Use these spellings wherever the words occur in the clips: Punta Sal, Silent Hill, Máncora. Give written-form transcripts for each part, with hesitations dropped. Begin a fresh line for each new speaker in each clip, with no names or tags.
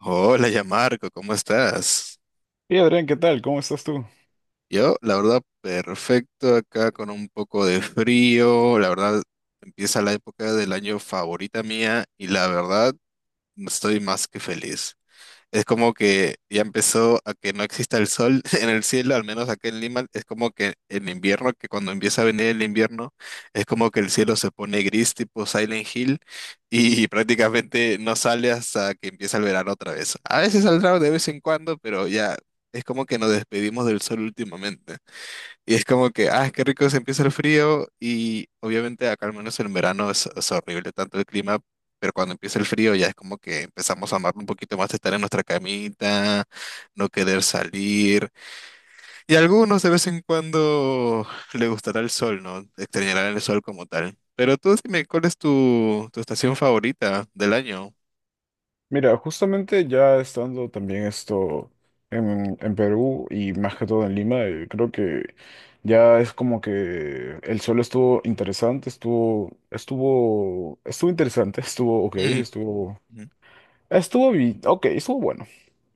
Hola, ya Marco, ¿cómo estás?
Y Adrián, ¿qué tal? ¿Cómo estás tú?
Yo, la verdad, perfecto acá con un poco de frío. La verdad, empieza la época del año favorita mía y la verdad, estoy más que feliz. Es como que ya empezó a que no exista el sol en el cielo, al menos aquí en Lima, es como que en invierno, que cuando empieza a venir el invierno, es como que el cielo se pone gris tipo Silent Hill y prácticamente no sale hasta que empieza el verano otra vez. A veces saldrá de vez en cuando, pero ya es como que nos despedimos del sol últimamente. Y es como que, ah, qué rico se empieza el frío y obviamente acá al menos en verano es horrible tanto el clima, pero cuando empieza el frío ya es como que empezamos a amar un poquito más estar en nuestra camita, no querer salir. Y a algunos de vez en cuando le gustará el sol, ¿no? Extrañarán el sol como tal. Pero tú dime, ¿cuál es tu estación favorita del año?
Mira, justamente ya estando también esto en Perú y más que todo en Lima, creo que ya es como que el suelo estuvo interesante, estuvo interesante, estuvo ok,
Mm. Ujú.
ok, estuvo bueno,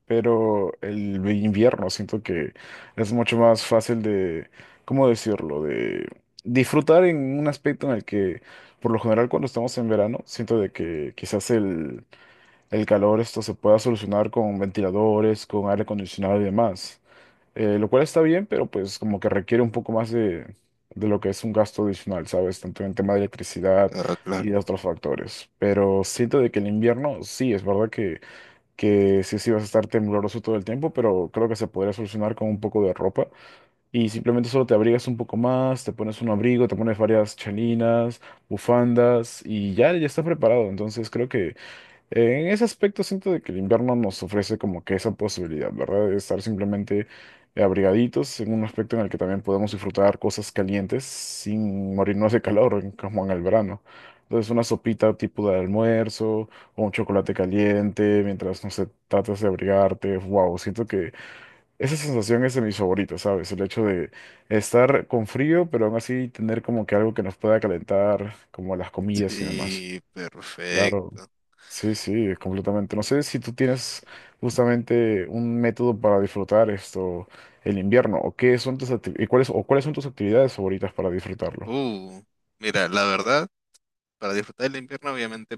pero el invierno siento que es mucho más fácil de, ¿cómo decirlo? De disfrutar en un aspecto en el que, por lo general, cuando estamos en verano, siento de que quizás el calor esto se pueda solucionar con ventiladores, con aire acondicionado y demás. Lo cual está bien, pero pues como que requiere un poco más de lo que es un gasto adicional, ¿sabes? Tanto en tema de electricidad
Ah,
y
claro.
de otros factores. Pero siento de que el invierno, sí, es verdad que, sí vas a estar tembloroso todo el tiempo, pero creo que se podría solucionar con un poco de ropa. Y simplemente solo te abrigas un poco más, te pones un abrigo, te pones varias chalinas, bufandas y ya estás preparado. Entonces creo que... En ese aspecto siento de que el invierno nos ofrece como que esa posibilidad, ¿verdad? De estar simplemente abrigaditos en un aspecto en el que también podemos disfrutar cosas calientes sin morirnos de calor, en- como en el verano. Entonces una sopita tipo de almuerzo o un chocolate caliente mientras, no sé, tratas de abrigarte. Wow, siento que esa sensación es de mis favoritas, ¿sabes? El hecho de estar con frío, pero aún así tener como que algo que nos pueda calentar, como las comidas y demás.
Sí,
Claro,
perfecto.
sí, sí, completamente. No sé si tú tienes justamente un método para disfrutar esto, el invierno, o qué son tus acti- y cuáles son tus actividades favoritas para disfrutarlo.
Uh, mira, la verdad, para disfrutar del invierno obviamente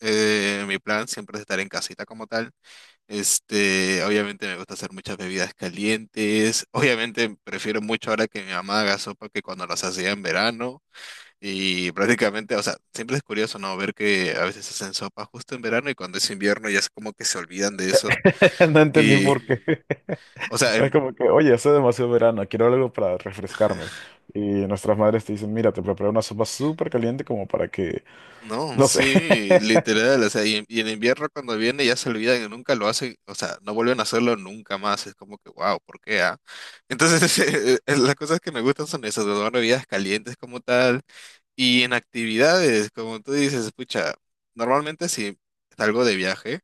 Mi plan siempre es estar en casita como tal. Este, obviamente me gusta hacer muchas bebidas calientes. Obviamente prefiero mucho ahora que mi mamá haga sopa que cuando las hacía en verano. Y prácticamente, o sea, siempre es curioso, ¿no? Ver que a veces hacen sopa justo en verano y cuando es invierno ya es como que se olvidan de eso.
No entendí
Y,
por qué.
o sea,
Es
en-
como que, oye, hace demasiado verano, quiero algo para refrescarme. Y nuestras madres te dicen, mira, te preparé una sopa súper caliente como para que,
No,
no sé.
sí, literal, o sea, y, en invierno cuando viene ya se olvidan y nunca lo hacen, o sea, no vuelven a hacerlo nunca más, es como que, wow, ¿por qué, ah? Entonces, las cosas que me gustan son esas, las bebidas calientes como tal, y en actividades, como tú dices, escucha, normalmente si salgo de viaje,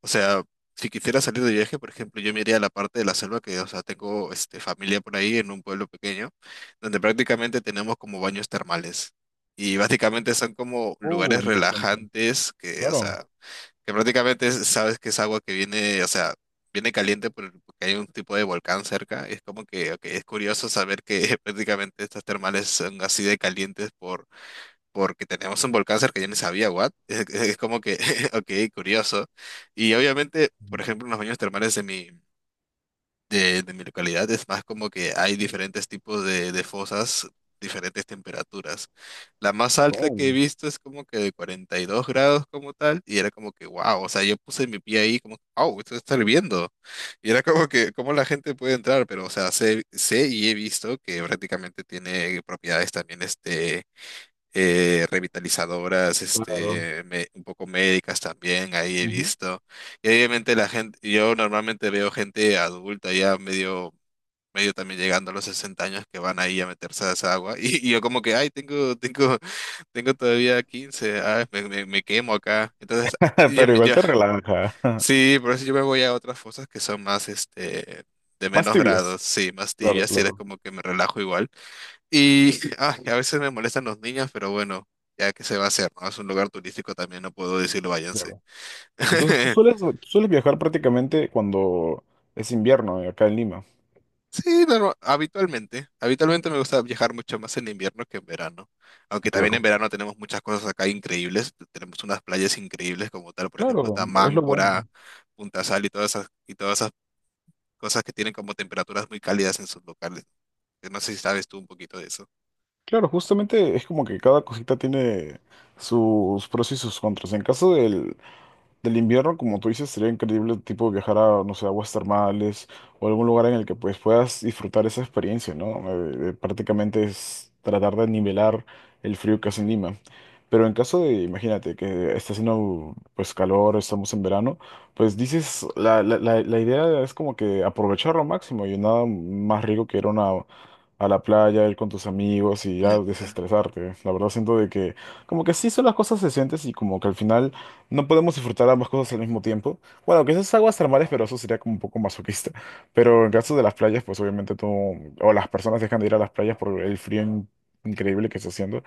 o sea, si quisiera salir de viaje, por ejemplo, yo me iría a la parte de la selva que, o sea, tengo este, familia por ahí en un pueblo pequeño, donde prácticamente tenemos como baños termales. Y básicamente son como
Oh,
lugares
interesante.
relajantes que, o
Claro.
sea, que prácticamente es- sabes que es agua que viene, o sea, viene caliente porque hay un tipo de volcán cerca. Es como que, ok, es curioso saber que prácticamente estas termales son así de calientes porque tenemos un volcán cerca, yo ni sabía, what? Es, como que, ok, curioso. Y obviamente, por ejemplo, en los baños termales de mi, de mi localidad es más como que hay diferentes tipos de fosas, diferentes temperaturas. La más alta que he
Oh,
visto es como que de 42 grados como tal, y era como que, wow, o sea, yo puse mi pie ahí como, wow, esto está hirviendo. Y era como que, ¿cómo la gente puede entrar? Pero, o sea, sé, sé y he visto que prácticamente tiene propiedades también, este revitalizadoras,
claro.
este, me- un poco médicas también, ahí he
Ujú.
visto. Y obviamente la gente, yo normalmente veo gente adulta ya medio, medio también llegando a los 60 años que van ahí a meterse a esa agua. Y, y yo como que, ay, tengo todavía 15, ay, me quemo acá. Entonces, yo,
Pero
me-
igual
yo-
te relaja.
sí, por eso yo me voy a otras fosas que son más, este, de
Más
menos
tibios.
grados, sí, más
Claro,
tibias, y es
claro.
como que me relajo igual. Y ay, a veces me molestan los niños, pero bueno, ya que se va a hacer, ¿no? Es un lugar turístico también, no puedo decirlo, váyanse.
Claro. Entonces tú sueles viajar prácticamente cuando es invierno acá en Lima.
Sí, norma- habitualmente. Habitualmente me gusta viajar mucho más en invierno que en verano. Aunque también en
Claro.
verano tenemos muchas cosas acá increíbles. Tenemos unas playas increíbles como tal, por ejemplo,
Claro,
está
es lo bueno.
Máncora, Punta Sal y todas esas, cosas que tienen como temperaturas muy cálidas en sus locales. Yo no sé si sabes tú un poquito de eso.
Claro, justamente es como que cada cosita tiene sus pros y sus contras. En caso del, del invierno, como tú dices, sería increíble tipo viajar a, no sé, aguas termales o algún lugar en el que pues puedas disfrutar esa experiencia, ¿no? Prácticamente es tratar de nivelar el frío que hace en Lima. Pero en caso de, imagínate, que está haciendo pues calor, estamos en verano, pues dices, la idea es como que aprovecharlo al máximo y nada más rico que ir a una- a la playa, ir con tus amigos y ya
Ah, claro.
desestresarte. La verdad siento de que como que sí son las cosas decentes y como que al final no podemos disfrutar ambas cosas al mismo tiempo. Bueno, quizás aguas termales, pero eso sería como un poco masoquista. Pero en caso de las playas, pues obviamente tú o las personas dejan de ir a las playas por el frío in- increíble que está haciendo.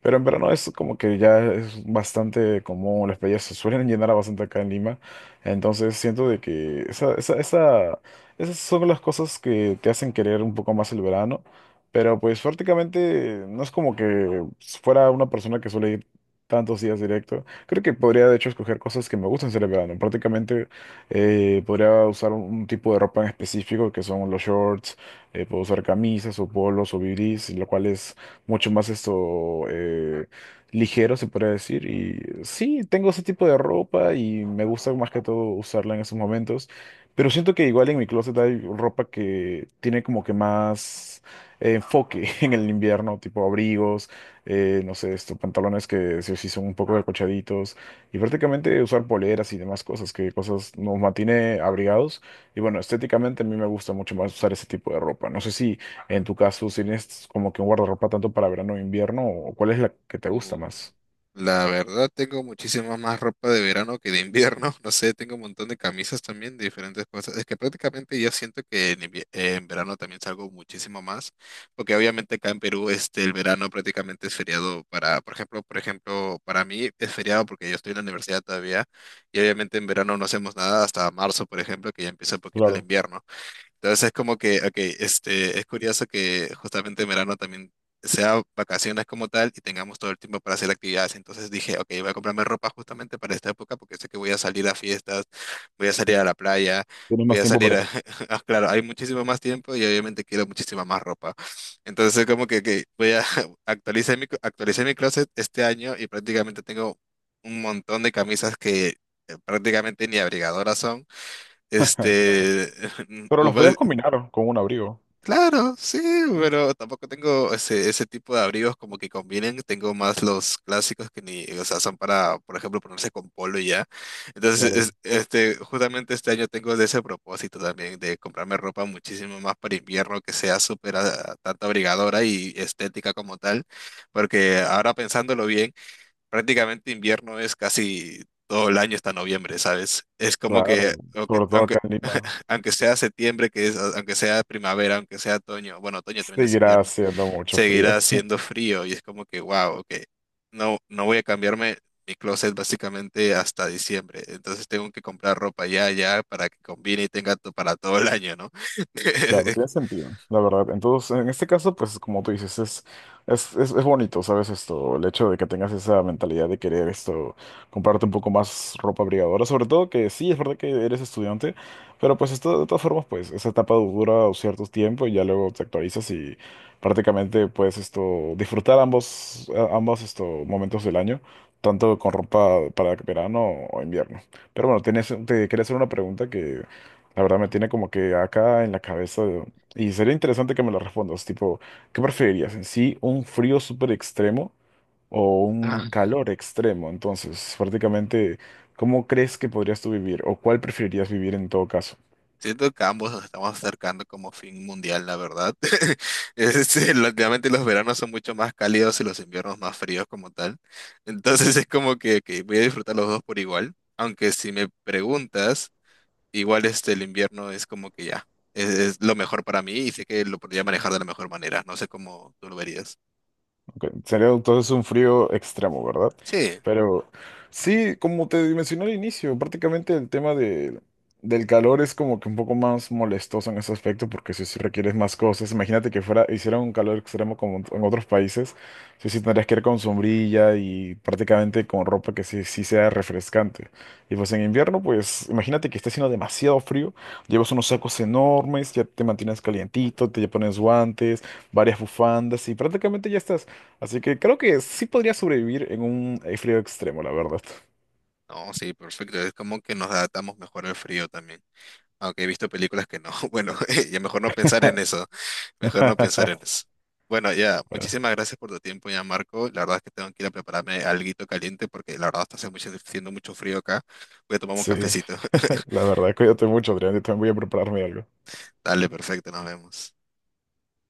Pero en verano es como que ya es bastante común, las playas se suelen llenar bastante acá en Lima. Entonces siento de que esa- esas son las cosas que te hacen querer un poco más el verano. Pero pues prácticamente no es como que fuera una persona que suele ir tantos días directo. Creo que podría de hecho escoger cosas que me gustan hacer el verano. Prácticamente podría usar un tipo de ropa en específico que son los shorts, puedo usar camisas o polos o bibis, lo cual es mucho más esto ligero, se podría decir. Y sí, tengo ese tipo de ropa y me gusta más que todo usarla en esos momentos. Pero siento que igual en mi closet hay ropa que tiene como que más enfoque en el invierno, tipo abrigos, no sé, esto pantalones que sí, o sí son un poco acolchaditos y prácticamente usar poleras y demás cosas, que cosas nos mantiene abrigados. Y bueno, estéticamente a mí me gusta mucho más usar ese tipo de ropa. No sé si en tu caso, si tienes como que un guardarropa tanto para verano o invierno, ¿o cuál es la que te gusta más?
La verdad, tengo muchísima más ropa de verano que de invierno. No sé, tengo un montón de camisas también de diferentes cosas. Es que prácticamente yo siento que en, invie- en verano también salgo muchísimo más, porque obviamente acá en Perú este, el verano prácticamente es feriado para, por ejemplo, para mí es feriado porque yo estoy en la universidad todavía y obviamente en verano no hacemos nada hasta marzo, por ejemplo, que ya empieza un poquito el
Claro,
invierno. Entonces es como que, ok, este, es curioso que justamente en verano también sea vacaciones como tal y tengamos todo el tiempo para hacer actividades. Entonces dije, ok, voy a comprarme ropa justamente para esta época porque sé que voy a salir a fiestas, voy a salir a la playa,
tienes
voy
más
a
tiempo
salir
para ti.
a... Ah, claro, hay muchísimo más tiempo y obviamente quiero muchísima más ropa. Entonces es como que voy a actualizar mi, actualicé mi closet este año y prácticamente tengo un montón de camisas que... prácticamente ni abrigadoras son,
Claro.
este,
Pero
u-
los podías combinar con un abrigo.
Claro, sí, pero tampoco tengo ese, ese tipo de abrigos como que combinen. Tengo más los clásicos que ni, o sea, son para, por ejemplo, ponerse con polo y ya. Entonces, es-
Claro,
este, justamente este año tengo de ese propósito también, de comprarme ropa muchísimo más para invierno, que sea súper, ah, tanto abrigadora y estética como tal. Porque ahora pensándolo bien, prácticamente invierno es casi todo el año hasta noviembre, ¿sabes? Es como
claro.
que,
Sobre todo
aunque,
acá en Lima.
aunque sea septiembre, que es, aunque sea primavera, aunque sea otoño, bueno, otoño también es
Seguirá
invierno,
haciendo mucho frío.
seguirá haciendo frío y es como que, wow, ok, no, no voy a cambiarme mi closet básicamente hasta diciembre, entonces tengo que comprar ropa ya, ya, para que combine y tenga to- para todo el año, ¿no?
Claro, tiene sentido, la verdad. Entonces, en este caso, pues como tú dices, es bonito, ¿sabes? Esto, el hecho de que tengas esa mentalidad de querer esto, comprarte un poco más ropa abrigadora, sobre todo que sí, es verdad que eres estudiante, pero pues esto, de todas formas, pues esa etapa dura un cierto tiempo y ya luego te actualizas y prácticamente puedes esto, disfrutar ambos, a- ambos esto, momentos del año, tanto con ropa para verano o invierno. Pero bueno, tienes, te quería hacer una pregunta que la verdad me tiene como que acá en la cabeza de- y sería interesante que me lo respondas, tipo, ¿qué preferirías? ¿En sí un frío súper extremo o un
Ujú.
calor extremo? Entonces, prácticamente, ¿cómo crees que podrías tú vivir o cuál preferirías vivir en todo caso?
Siento que ambos nos estamos acercando como fin mundial, la verdad. Es, relativamente los veranos son mucho más cálidos y los inviernos más fríos como tal. Entonces es como que voy a disfrutar los dos por igual. Aunque si me preguntas, igual este, el invierno es como que ya, es lo mejor para mí y sé que lo podría manejar de la mejor manera. No sé cómo tú lo verías.
Ok, sería entonces un frío extremo, ¿verdad?
Sí,
Pero sí, como te mencioné al inicio, prácticamente el tema de, del calor es como que un poco más molestoso en ese aspecto porque si, si requieres más cosas, imagínate que fuera, hiciera un calor extremo como en otros países, sí, sí tendrías que ir con sombrilla y prácticamente con ropa que sí, sí sea refrescante. Y pues en invierno, pues imagínate que esté haciendo demasiado frío, llevas unos sacos enormes, ya te mantienes calientito, te pones guantes varias bufandas y prácticamente ya estás. Así que creo que sí podría sobrevivir en un frío extremo, la verdad.
no, sí, perfecto. Es como que nos adaptamos mejor al frío también. Aunque he visto películas que no. Bueno, ya mejor no pensar en eso. Mejor no pensar en eso. Bueno, ya,
Bueno,
muchísimas gracias por tu tiempo ya, Marco. La verdad es que tengo que ir a prepararme alguito caliente porque la verdad está haciendo mucho frío acá. Voy a tomar un
sí,
cafecito.
la verdad, cuídate mucho, Adrián, yo también voy a prepararme algo.
Dale, perfecto, nos vemos.